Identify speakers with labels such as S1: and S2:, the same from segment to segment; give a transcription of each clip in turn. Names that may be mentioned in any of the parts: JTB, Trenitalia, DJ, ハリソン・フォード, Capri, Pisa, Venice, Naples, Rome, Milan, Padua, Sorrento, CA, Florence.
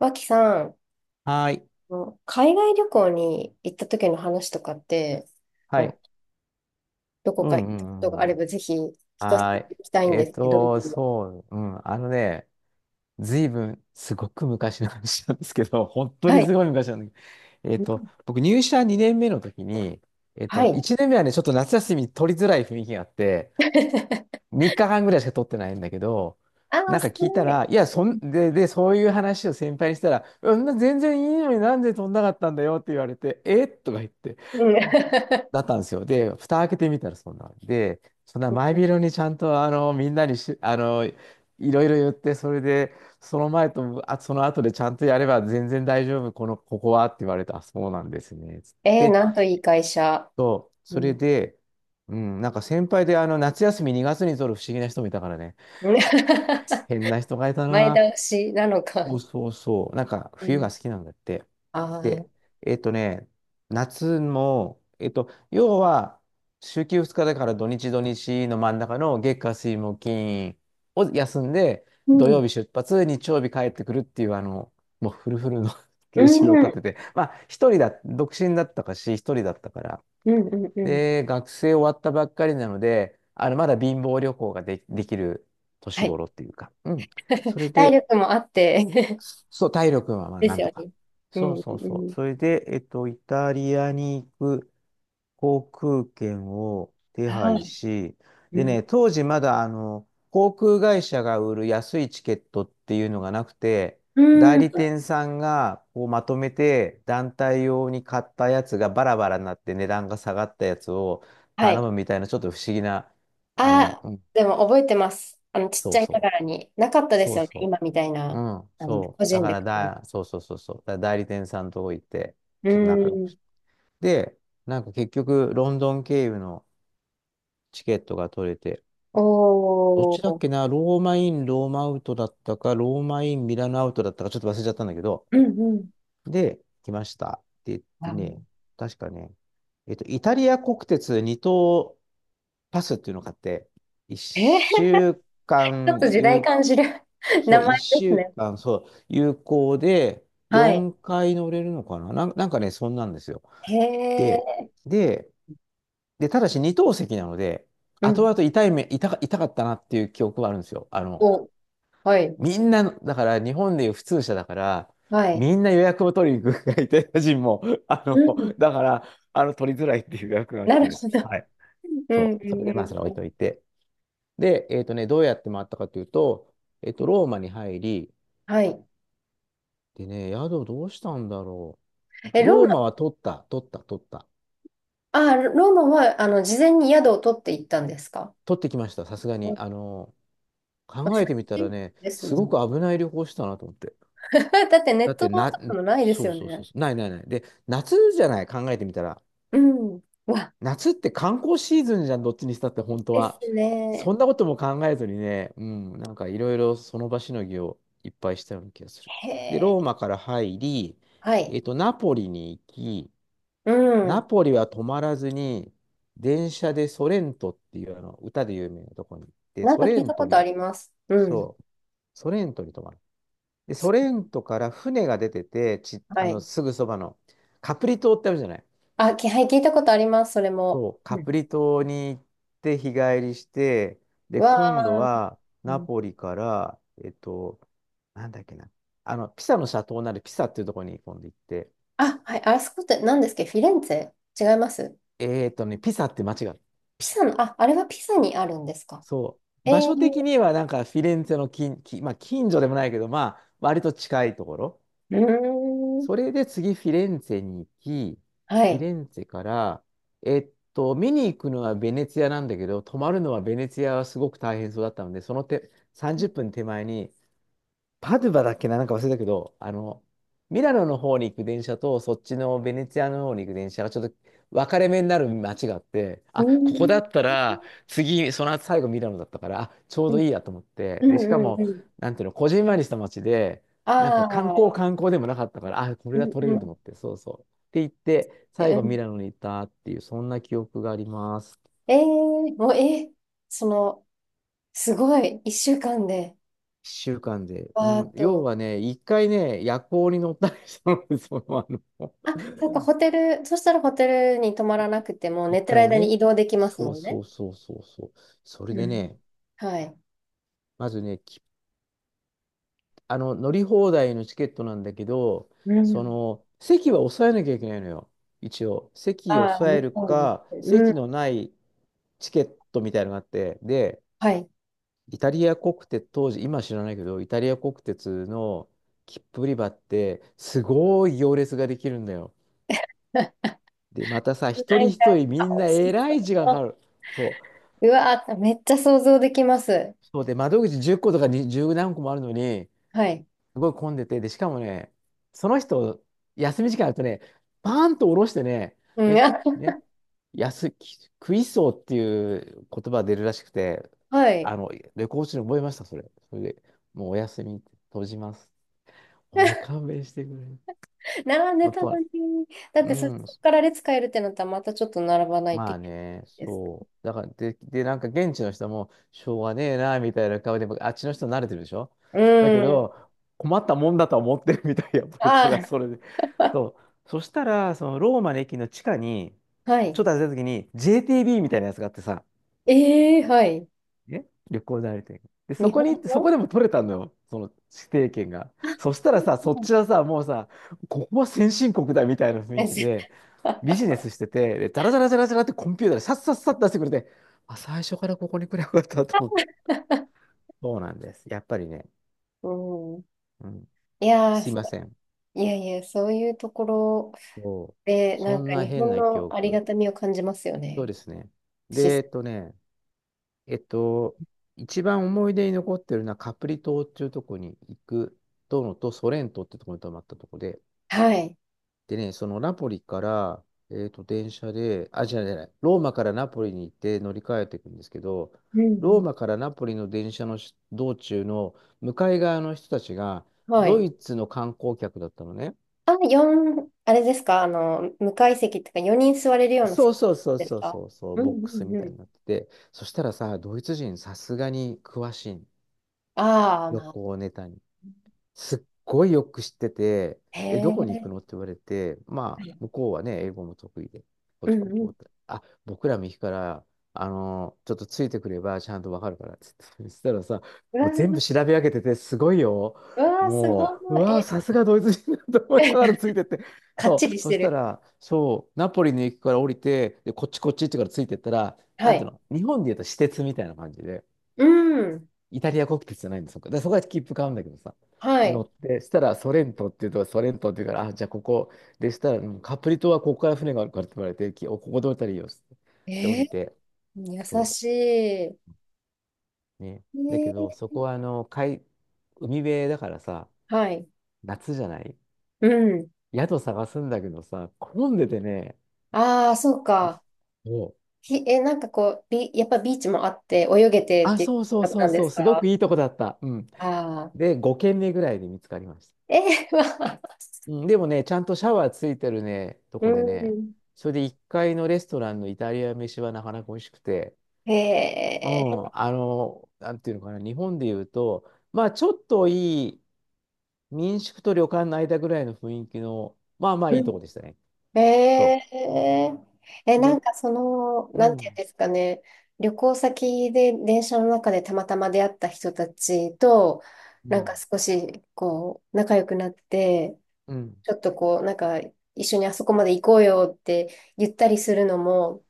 S1: 脇さん、あ
S2: はーい。
S1: の海外旅行に行った時の話とかって、
S2: は
S1: なんか
S2: い。
S1: どこ
S2: う
S1: か行
S2: ん
S1: っ
S2: う
S1: たこと
S2: んう
S1: が
S2: ん
S1: あ
S2: う
S1: れ
S2: ん。
S1: ばぜひ聞かせ
S2: は
S1: ていた
S2: ーい。
S1: だきたいんですけど。
S2: そう、うん。あのね、ずいぶん、すごく昔の話なんですけど、本当
S1: は
S2: に
S1: い。
S2: すごい昔なんだけど、
S1: うん、
S2: 僕入社2年目の時に、
S1: はい。
S2: 1年目はね、ちょっと夏休み取りづらい雰囲気があって、3日間ぐらいしか取ってないんだけど、
S1: ああ、
S2: なんか
S1: 少
S2: 聞いた
S1: ない。
S2: ら、いや、そういう話を先輩にしたら、うん、全然いいのになんで取んなかったんだよって言われて、えとか言って、
S1: うん。
S2: だったんですよ。で、蓋開けてみたらそんなんで、そんな前広にちゃんとみんなにし、いろいろ言って、それで、その前とその後でちゃんとやれば全然大丈夫、ここはって言われて、あ、そうなんですね。つっ
S1: えー、
S2: て
S1: なんといい会社。
S2: そう、
S1: う
S2: それ
S1: ん。
S2: で、うん、なんか先輩で夏休み2月に取る不思議な人もいたからね、変な人がいた
S1: 前
S2: な。
S1: 倒しなの
S2: そ
S1: か。
S2: うそうそう。なんか、
S1: う
S2: 冬
S1: ん。
S2: が好きなんだって。
S1: あ
S2: で、
S1: あ、
S2: えっとね、夏も、要は、週休2日だから土日土日の真ん中の月火水木金を休んで、
S1: う
S2: 土
S1: ん。
S2: 曜日出発、日曜日帰ってくるっていう、もうフルフルの ス
S1: う
S2: ケジュールを
S1: ん。うん。
S2: 立てて、まあ、一人だ、独身だったかし、一人だったから。
S1: うん。うん。
S2: で、学生終わったばっかりなので、まだ貧乏旅行ができる
S1: は
S2: 年
S1: い。
S2: 頃っていうか、うん。それ
S1: 体
S2: で、
S1: 力もあって。
S2: そう、体力はま あ
S1: で
S2: な
S1: す
S2: んと
S1: よ
S2: か。
S1: ね。う
S2: そう
S1: ん。う
S2: そうそう。そ
S1: ん。
S2: れで、イタリアに行く航空券を手
S1: は
S2: 配
S1: い。
S2: し、で
S1: うん。
S2: ね、当時まだ、航空会社が売る安いチケットっていうのがなくて、
S1: う
S2: 代
S1: ん。
S2: 理店さんがこうまとめて団体用に買ったやつがバラバラになって値段が下がったやつを
S1: は
S2: 頼
S1: い。
S2: むみたいなちょっと不思議な、
S1: あ、
S2: うん
S1: でも覚えてます。あの、ちっ
S2: そ
S1: ちゃ
S2: う
S1: いな
S2: そ
S1: が
S2: う、
S1: らに。なかったで
S2: そ
S1: す
S2: う
S1: よね。
S2: そ
S1: 今みたい
S2: うう
S1: な、
S2: ん、
S1: あの、
S2: そ
S1: 個
S2: う。だ
S1: 人
S2: か
S1: で
S2: ら
S1: 買う。
S2: だ、そうそうそうそう。だから代理店さんとこ行って、
S1: う
S2: ちょっと仲良くし
S1: ん。
S2: て。で、なんか結局、ロンドン経由のチケットが取れて、どっ
S1: お
S2: ちだっ
S1: ー。
S2: けな、ローマイン、ローマアウトだったか、ローマイン、ミラノアウトだったか、ちょっと忘れちゃったんだけど、
S1: うんうん。
S2: で、来ましたって言って
S1: あ、
S2: ね、確かね、イタリア国鉄2等パスっていうのがあって、
S1: えー、
S2: 1週
S1: ちょっ
S2: 間
S1: と時代感じる
S2: そ
S1: 名
S2: う、
S1: 前で
S2: 1
S1: す
S2: 週
S1: ね。
S2: 間、そう、有効で、
S1: はい。
S2: 4回乗れるのかななんかね、そんなんですよ。
S1: へ
S2: で、
S1: え。
S2: で、で、ただし二等席なので、
S1: う
S2: 後
S1: ん。
S2: 々痛い目、痛か、痛かったなっていう記憶はあるんですよ。
S1: お、はい。
S2: みんなだから日本でいう普通車だから、
S1: はい。
S2: みんな予約を取りに行くから、イタリア人も、あ
S1: う
S2: の、
S1: ん。
S2: だから、取りづらいっていう予約があっ
S1: なる
S2: て、
S1: ほど。
S2: はい。
S1: うん
S2: そ
S1: う
S2: う、それ
S1: ん
S2: で
S1: うん
S2: まあ、それは
S1: う
S2: 置い
S1: ん。
S2: といて。で、どうやって回ったかというと、ローマに入り、
S1: はい。
S2: でね、宿どうしたんだろ
S1: え、
S2: う。ローマは取った、取った、取った。
S1: ローマは、事前に宿を取って行ったんですか？
S2: 取ってきました、さすが
S1: う
S2: に。
S1: ん。まあ
S2: 考
S1: 初
S2: えてみたら
S1: 日
S2: ね、
S1: です
S2: す
S1: もん
S2: ご
S1: ね。
S2: く危ない旅行したなと思って。
S1: だってネ
S2: だ
S1: ッ
S2: っ
S1: ト
S2: て
S1: と
S2: な、
S1: かもないです
S2: そう
S1: よ
S2: そうそう
S1: ね。
S2: そう、ないないない。で、夏じゃない、考えてみたら。
S1: うん。わ、
S2: 夏って観光シーズンじゃん、どっちにしたって、本当
S1: です
S2: は。そ
S1: ね。
S2: んなことも考えずにね、うん、なんかいろいろその場しのぎをいっぱいしたような気がする。
S1: へ
S2: で、
S1: え。
S2: ローマから入り、
S1: はい。
S2: ナポリに行き、
S1: う
S2: ナ
S1: ん。
S2: ポリは止まらずに、電車でソレントっていうあの歌で有名なところに行って、
S1: なん
S2: ソ
S1: か
S2: レ
S1: 聞い
S2: ン
S1: た
S2: ト
S1: ことあ
S2: に、
S1: ります。うん。
S2: そう、ソレントに泊まる。で、ソレントから船が出てて、ち、
S1: は
S2: あの、
S1: い。
S2: すぐそばのカプリ島ってあるじゃない。
S1: あ、はい、聞いたことあります、それも。
S2: そう、
S1: う
S2: カプ
S1: ん。
S2: リ島に行って日帰りして、で、今度
S1: わあ。
S2: は
S1: う
S2: ナ
S1: ん。
S2: ポリから、なんだっけな、ピサの斜塔になるピサっていうところに今度行って、
S1: あ、はい。あそこって何ですか、フィレンツェ違います？
S2: ピサって街が
S1: ピサの、あ、あれはピサにあるんですか？
S2: そう。
S1: え
S2: 場
S1: ー。
S2: 所的にはなんかフィレンツェのまあ、近所でもないけど、まあ、割と近いところ。
S1: うーん。
S2: それで次フィレンツェに行き、
S1: は
S2: フィ
S1: い。
S2: レンツェから、見に行くのはベネツィアなんだけど、泊まるのはベネツィアはすごく大変そうだったので、その手、30分手前にパドゥバだっけな、なんか忘れたけど、ミラノの方に行く電車と、そっちのベネツィアの方に行く電車がちょっと分かれ目になる街があって、
S1: うー
S2: あ、ここだ
S1: ん。
S2: ったら、次、その後最後ミラノだったから、あ、ちょう
S1: う
S2: ど
S1: ん。
S2: いいやと思って、
S1: う
S2: で、しか
S1: ん。う
S2: も、
S1: ん。
S2: なんていうの、こじんまりした街で、なんか観光
S1: あ
S2: 観
S1: あ。
S2: 光でもなかったから、あ、こ
S1: う
S2: れは
S1: ん。
S2: 取れ
S1: う
S2: ると
S1: ん。
S2: 思って、そうそう。って言って、
S1: で、
S2: 最
S1: う
S2: 後ミ
S1: ん、
S2: ラノに行ったっていう、そんな記憶があります。
S1: もう、その、すごい、一週間で。
S2: 一週間で。う
S1: あ
S2: ん、要
S1: と、
S2: はね、一回ね、夜行に乗ったりしたのでその、
S1: あ、そっか、ホテル、そしたらホテルに泊まらなくても、寝
S2: 一
S1: てる
S2: 回
S1: 間に
S2: ね。
S1: 移動できます
S2: そ
S1: も
S2: う
S1: んね。
S2: そうそうそうそう。それ
S1: う
S2: で
S1: ん。
S2: ね、
S1: はい。
S2: まずね、きあの、乗り放題のチケットなんだけど、
S1: う
S2: そ
S1: ん。
S2: の、席は抑えなきゃいけないのよ。一応。席を
S1: ああ、
S2: 抑え
S1: 向
S2: る
S1: こ
S2: か、
S1: うに。うん。
S2: 席のないチケットみたいなのがあって、で、
S1: はい。
S2: イタリア国鉄、当時、今知らないけど、イタリア国鉄の切符売り場って、すごい行列ができるんだよ。で、またさ、一
S1: な
S2: 人
S1: んか、
S2: 一人
S1: あ、
S2: みんな
S1: 美味
S2: え
S1: し
S2: ら
S1: そ
S2: い時間かか
S1: う。
S2: る。そう。
S1: うわー、めっちゃ想像できます。
S2: そうで、窓口10個とかに10何個もあるのに、
S1: はい。
S2: すごい混んでて、で、しかもね、その人、休み時間あるとね、パーンと下ろしてね、
S1: うん、
S2: ね、
S1: あ、
S2: ね、クイソーっていう言葉が出るらしくて、
S1: はい。
S2: レコーチに覚えました、それ。それで、もうお休み、閉じます。おい、勘弁してくれ。
S1: 並んで
S2: 本
S1: た
S2: 当
S1: の
S2: は、
S1: に。だっ
S2: う
S1: てそ
S2: ん。
S1: こから列変えるってなったら、またちょっと並ばないと
S2: ま
S1: い
S2: あ
S1: けない
S2: ね、
S1: です。
S2: そう。だから、で、なんか現地の人も、しょうがねえな、みたいな顔で、あっちの人慣れてるでしょ
S1: う
S2: だけ
S1: ん。
S2: ど、困ったもんだとは思ってるみたい、やっぱりそれ
S1: あ
S2: はそれで。そう。そしたら、そのローマの駅の地下に、
S1: あ、は
S2: ちょ
S1: い。
S2: っと歩いた時に、JTB みたいなやつがあってさ、
S1: ええ、はい。
S2: ね、旅行代理店。で、
S1: 日本
S2: そこ
S1: の。
S2: でも取れたのよ、その指定権が。
S1: あ、
S2: そした
S1: そ
S2: らさ、
S1: う
S2: そ
S1: な
S2: っ
S1: んだ。
S2: ちはさ、もうさ、ここは先進国だみたいな雰囲気で、ビジネスしてて、で、ダラダラダラダラってコンピューターでさっさっさっ出してくれて、あ、最初からここに来ればよかったと思って。そうなんです。やっぱりね、
S1: うん。
S2: うん、
S1: いやー、
S2: すい
S1: そ
S2: ません。
S1: いやいや、そういうところ
S2: そう。
S1: で、な
S2: そ
S1: ん
S2: ん
S1: か
S2: な
S1: 日
S2: 変
S1: 本
S2: な記
S1: のありが
S2: 憶。
S1: たみを感じますよ
S2: そう
S1: ね。
S2: ですね。で、え
S1: し、
S2: っとね、えっと、一番思い出に残ってるのはカプリ島っていうとこに行くとのと、ソレントってとこに泊まったとこで、
S1: はい。
S2: でね、そのナポリから、電車で、あ、じゃない、違うローマからナポリに行って乗り換えていくんですけど、
S1: うんう
S2: ロー
S1: ん。
S2: マからナポリの電車の道中の向かい側の人たちが、
S1: は
S2: ド
S1: い。
S2: イツの観光客だったのね。
S1: あ、4、あれですか、あの、無階席っていうか、4人座れるような
S2: そ
S1: 席
S2: うそうそう
S1: です
S2: そう
S1: か？
S2: そうそう、
S1: うん
S2: ボッ
S1: う
S2: クス
S1: ん
S2: み
S1: う
S2: たい
S1: ん。
S2: になってて、そしたらさ、ドイツ人さすがに詳しいの、
S1: ああ、
S2: 旅
S1: まあ。
S2: 行ネタに。すっごいよく知ってて、
S1: へ
S2: え、どこに
S1: え。
S2: 行くのって言われて、まあ、
S1: う
S2: 向こうはね、英語も得意で、ポ
S1: ん
S2: ト
S1: う
S2: ポト
S1: ん。
S2: ポトあ、僕ら右から、ちょっとついてくればちゃんとわかるからっつって、そしたらさ、
S1: うわ
S2: もう全部
S1: ー。
S2: 調べ上げてて、すごいよ。
S1: うわー、すご
S2: もう、う
S1: い。
S2: わー、
S1: え、
S2: さすがドイツ人だと思いながら ついてって。
S1: かっ
S2: そ
S1: ち
S2: う、
S1: りし
S2: そ
S1: て
S2: した
S1: る。
S2: ら、そう、ナポリの駅から降りて、で、こっちこっちってからついてったら、
S1: は
S2: なんていう
S1: い。
S2: の、日本で言うと私鉄みたいな感じで、
S1: うん。
S2: イタリア国鉄じゃないんですよ。だからそこは切符買うんだけどさ。
S1: は
S2: 乗
S1: い。
S2: って、したらソレントっていうから、あ、じゃあここでしたら、うんカプリ島はここから船があるからって言われて、きおここで降りたらいいよっつって。で、降
S1: えー、
S2: りて、
S1: 優
S2: そ
S1: しい。
S2: う。ね。だけど、
S1: ー
S2: そこは海辺だからさ、
S1: はい。
S2: 夏じゃない
S1: うん。
S2: 宿探すんだけどさ、混んでてね、
S1: ああ、そうか。
S2: もう、
S1: え、なんかこう、やっぱビーチもあって、泳げてっ
S2: あ、
S1: ていう
S2: そうそう
S1: 方
S2: そ
S1: な
S2: う
S1: んで
S2: そう、
S1: す
S2: すごく
S1: か？
S2: いいとこだった。うん。
S1: ああ
S2: で、5軒目ぐらいで見つかりました。
S1: ー。えー、まあ、
S2: うんでもね、ちゃんとシャワーついてるね、と
S1: う
S2: こでね、
S1: ん。
S2: それで1階のレストランのイタリア飯はなかなか美味しくて、う
S1: えー、
S2: ん、なんていうのかな、日本で言うと、まあちょっといい民宿と旅館の間ぐらいの雰囲気の、まあまあ
S1: う
S2: いい
S1: ん。
S2: とこでしたね。そ
S1: えー、
S2: う。そ
S1: な
S2: れ、
S1: んかその、
S2: う
S1: なんていうん
S2: ん、
S1: ですかね、旅行先で電車の中でたまたま出会った人たちと、
S2: う
S1: なんか
S2: ん、
S1: 少し、こう、仲良くなって、
S2: うん。
S1: ちょっとこう、なんか、一緒にあそこまで行こうよって言ったりするのも、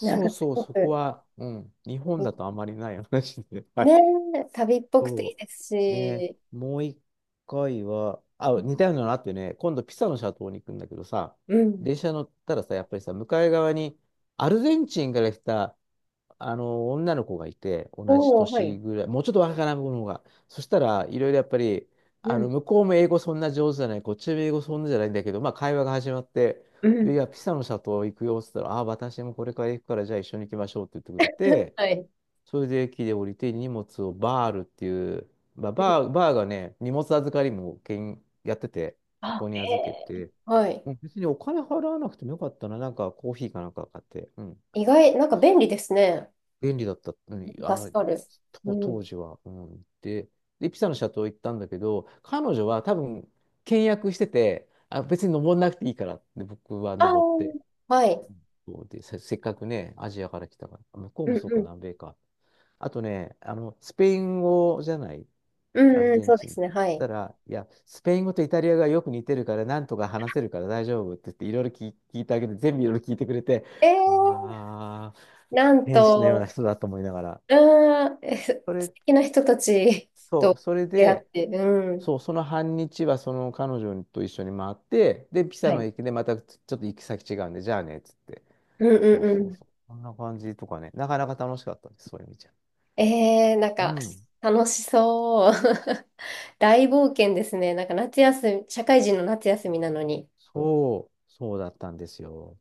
S1: なん
S2: う
S1: かす
S2: そう、
S1: ご
S2: そこ
S1: く、
S2: は、うん、日本だとあまりない話で。は
S1: ね
S2: い
S1: え、旅っぽくていい
S2: そ
S1: です
S2: う。ね、
S1: し。
S2: もう一回は、あ、似たようなのあってね、今度ピサのシャトーに行くんだけどさ、
S1: うん。
S2: 電車乗ったらさ、やっぱりさ、向かい側にアルゼンチンから来た、女の子がいて、同じ
S1: おお、は
S2: 年
S1: い。
S2: ぐらい、もうちょっと若い子の方が。そしたらいろいろやっぱり、
S1: うん、
S2: 向こうも英語そんな上手じゃない、こっちも英語そんなじゃないんだけど、まあ会話が始まって、
S1: う
S2: で、い
S1: ん。
S2: や、ピサのシャトー行くよっつったら、あ、私もこれから行くから、じゃあ一緒に行きましょうって言ってくれて、
S1: はい。
S2: それで駅で降りて荷物をバールっていう、まあ、
S1: うん。
S2: バーがね、荷物預かりもけんやってて、そ
S1: あ、
S2: こに
S1: え
S2: 預け
S1: え、
S2: て、
S1: はい。
S2: うん別にお金払わなくてもよかったな、なんかコーヒーかなんか買って、うん、
S1: 意外、なんか便利ですね。
S2: 便利だった、うん、
S1: 助かる。う
S2: 当
S1: ん。
S2: 時は、うん、で、で、ピサの斜塔行ったんだけど、彼女は多分、倹約してて、あ、別に登んなくていいからって僕は
S1: ああ、
S2: 登って、
S1: はい。
S2: そうで、せっかくね、アジアから来たから、向こう
S1: う
S2: も
S1: ん、
S2: そう
S1: う
S2: か、
S1: ん。
S2: 南米か。あとね、スペイン語じゃない、
S1: う
S2: アル
S1: んうん、
S2: ゼン
S1: そうで
S2: チンっ
S1: すね。
S2: て。
S1: はい。
S2: たら、いや、スペイン語とイタリアがよく似てるから、なんとか話せるから大丈夫って言って、いろいろ聞いてあげて、全部いろいろ聞いてくれて、
S1: ええ、
S2: わあ、
S1: なん
S2: 天使のような
S1: と。
S2: 人だと思いながら。
S1: うん。え、
S2: そ
S1: 素
S2: れ、
S1: 敵な人たち
S2: そう、
S1: と
S2: それ
S1: 出会っ
S2: で、
S1: て、うん。
S2: そう、その半日はその彼女と一緒に回って、で、ピサ
S1: は
S2: の
S1: い。
S2: 駅でまたちょっと行き先違うんで、じゃあね、っつって。
S1: うんう
S2: そ
S1: ん
S2: う
S1: う
S2: そう
S1: ん。
S2: そう。こんな感じとかね、なかなか楽しかったです、そういう意味じゃ。
S1: えー、なん
S2: う
S1: か、
S2: ん。
S1: 楽しそう。大冒険ですね。なんか夏休み、社会人の夏休みなのに。
S2: そうそう、そうだったんですよ。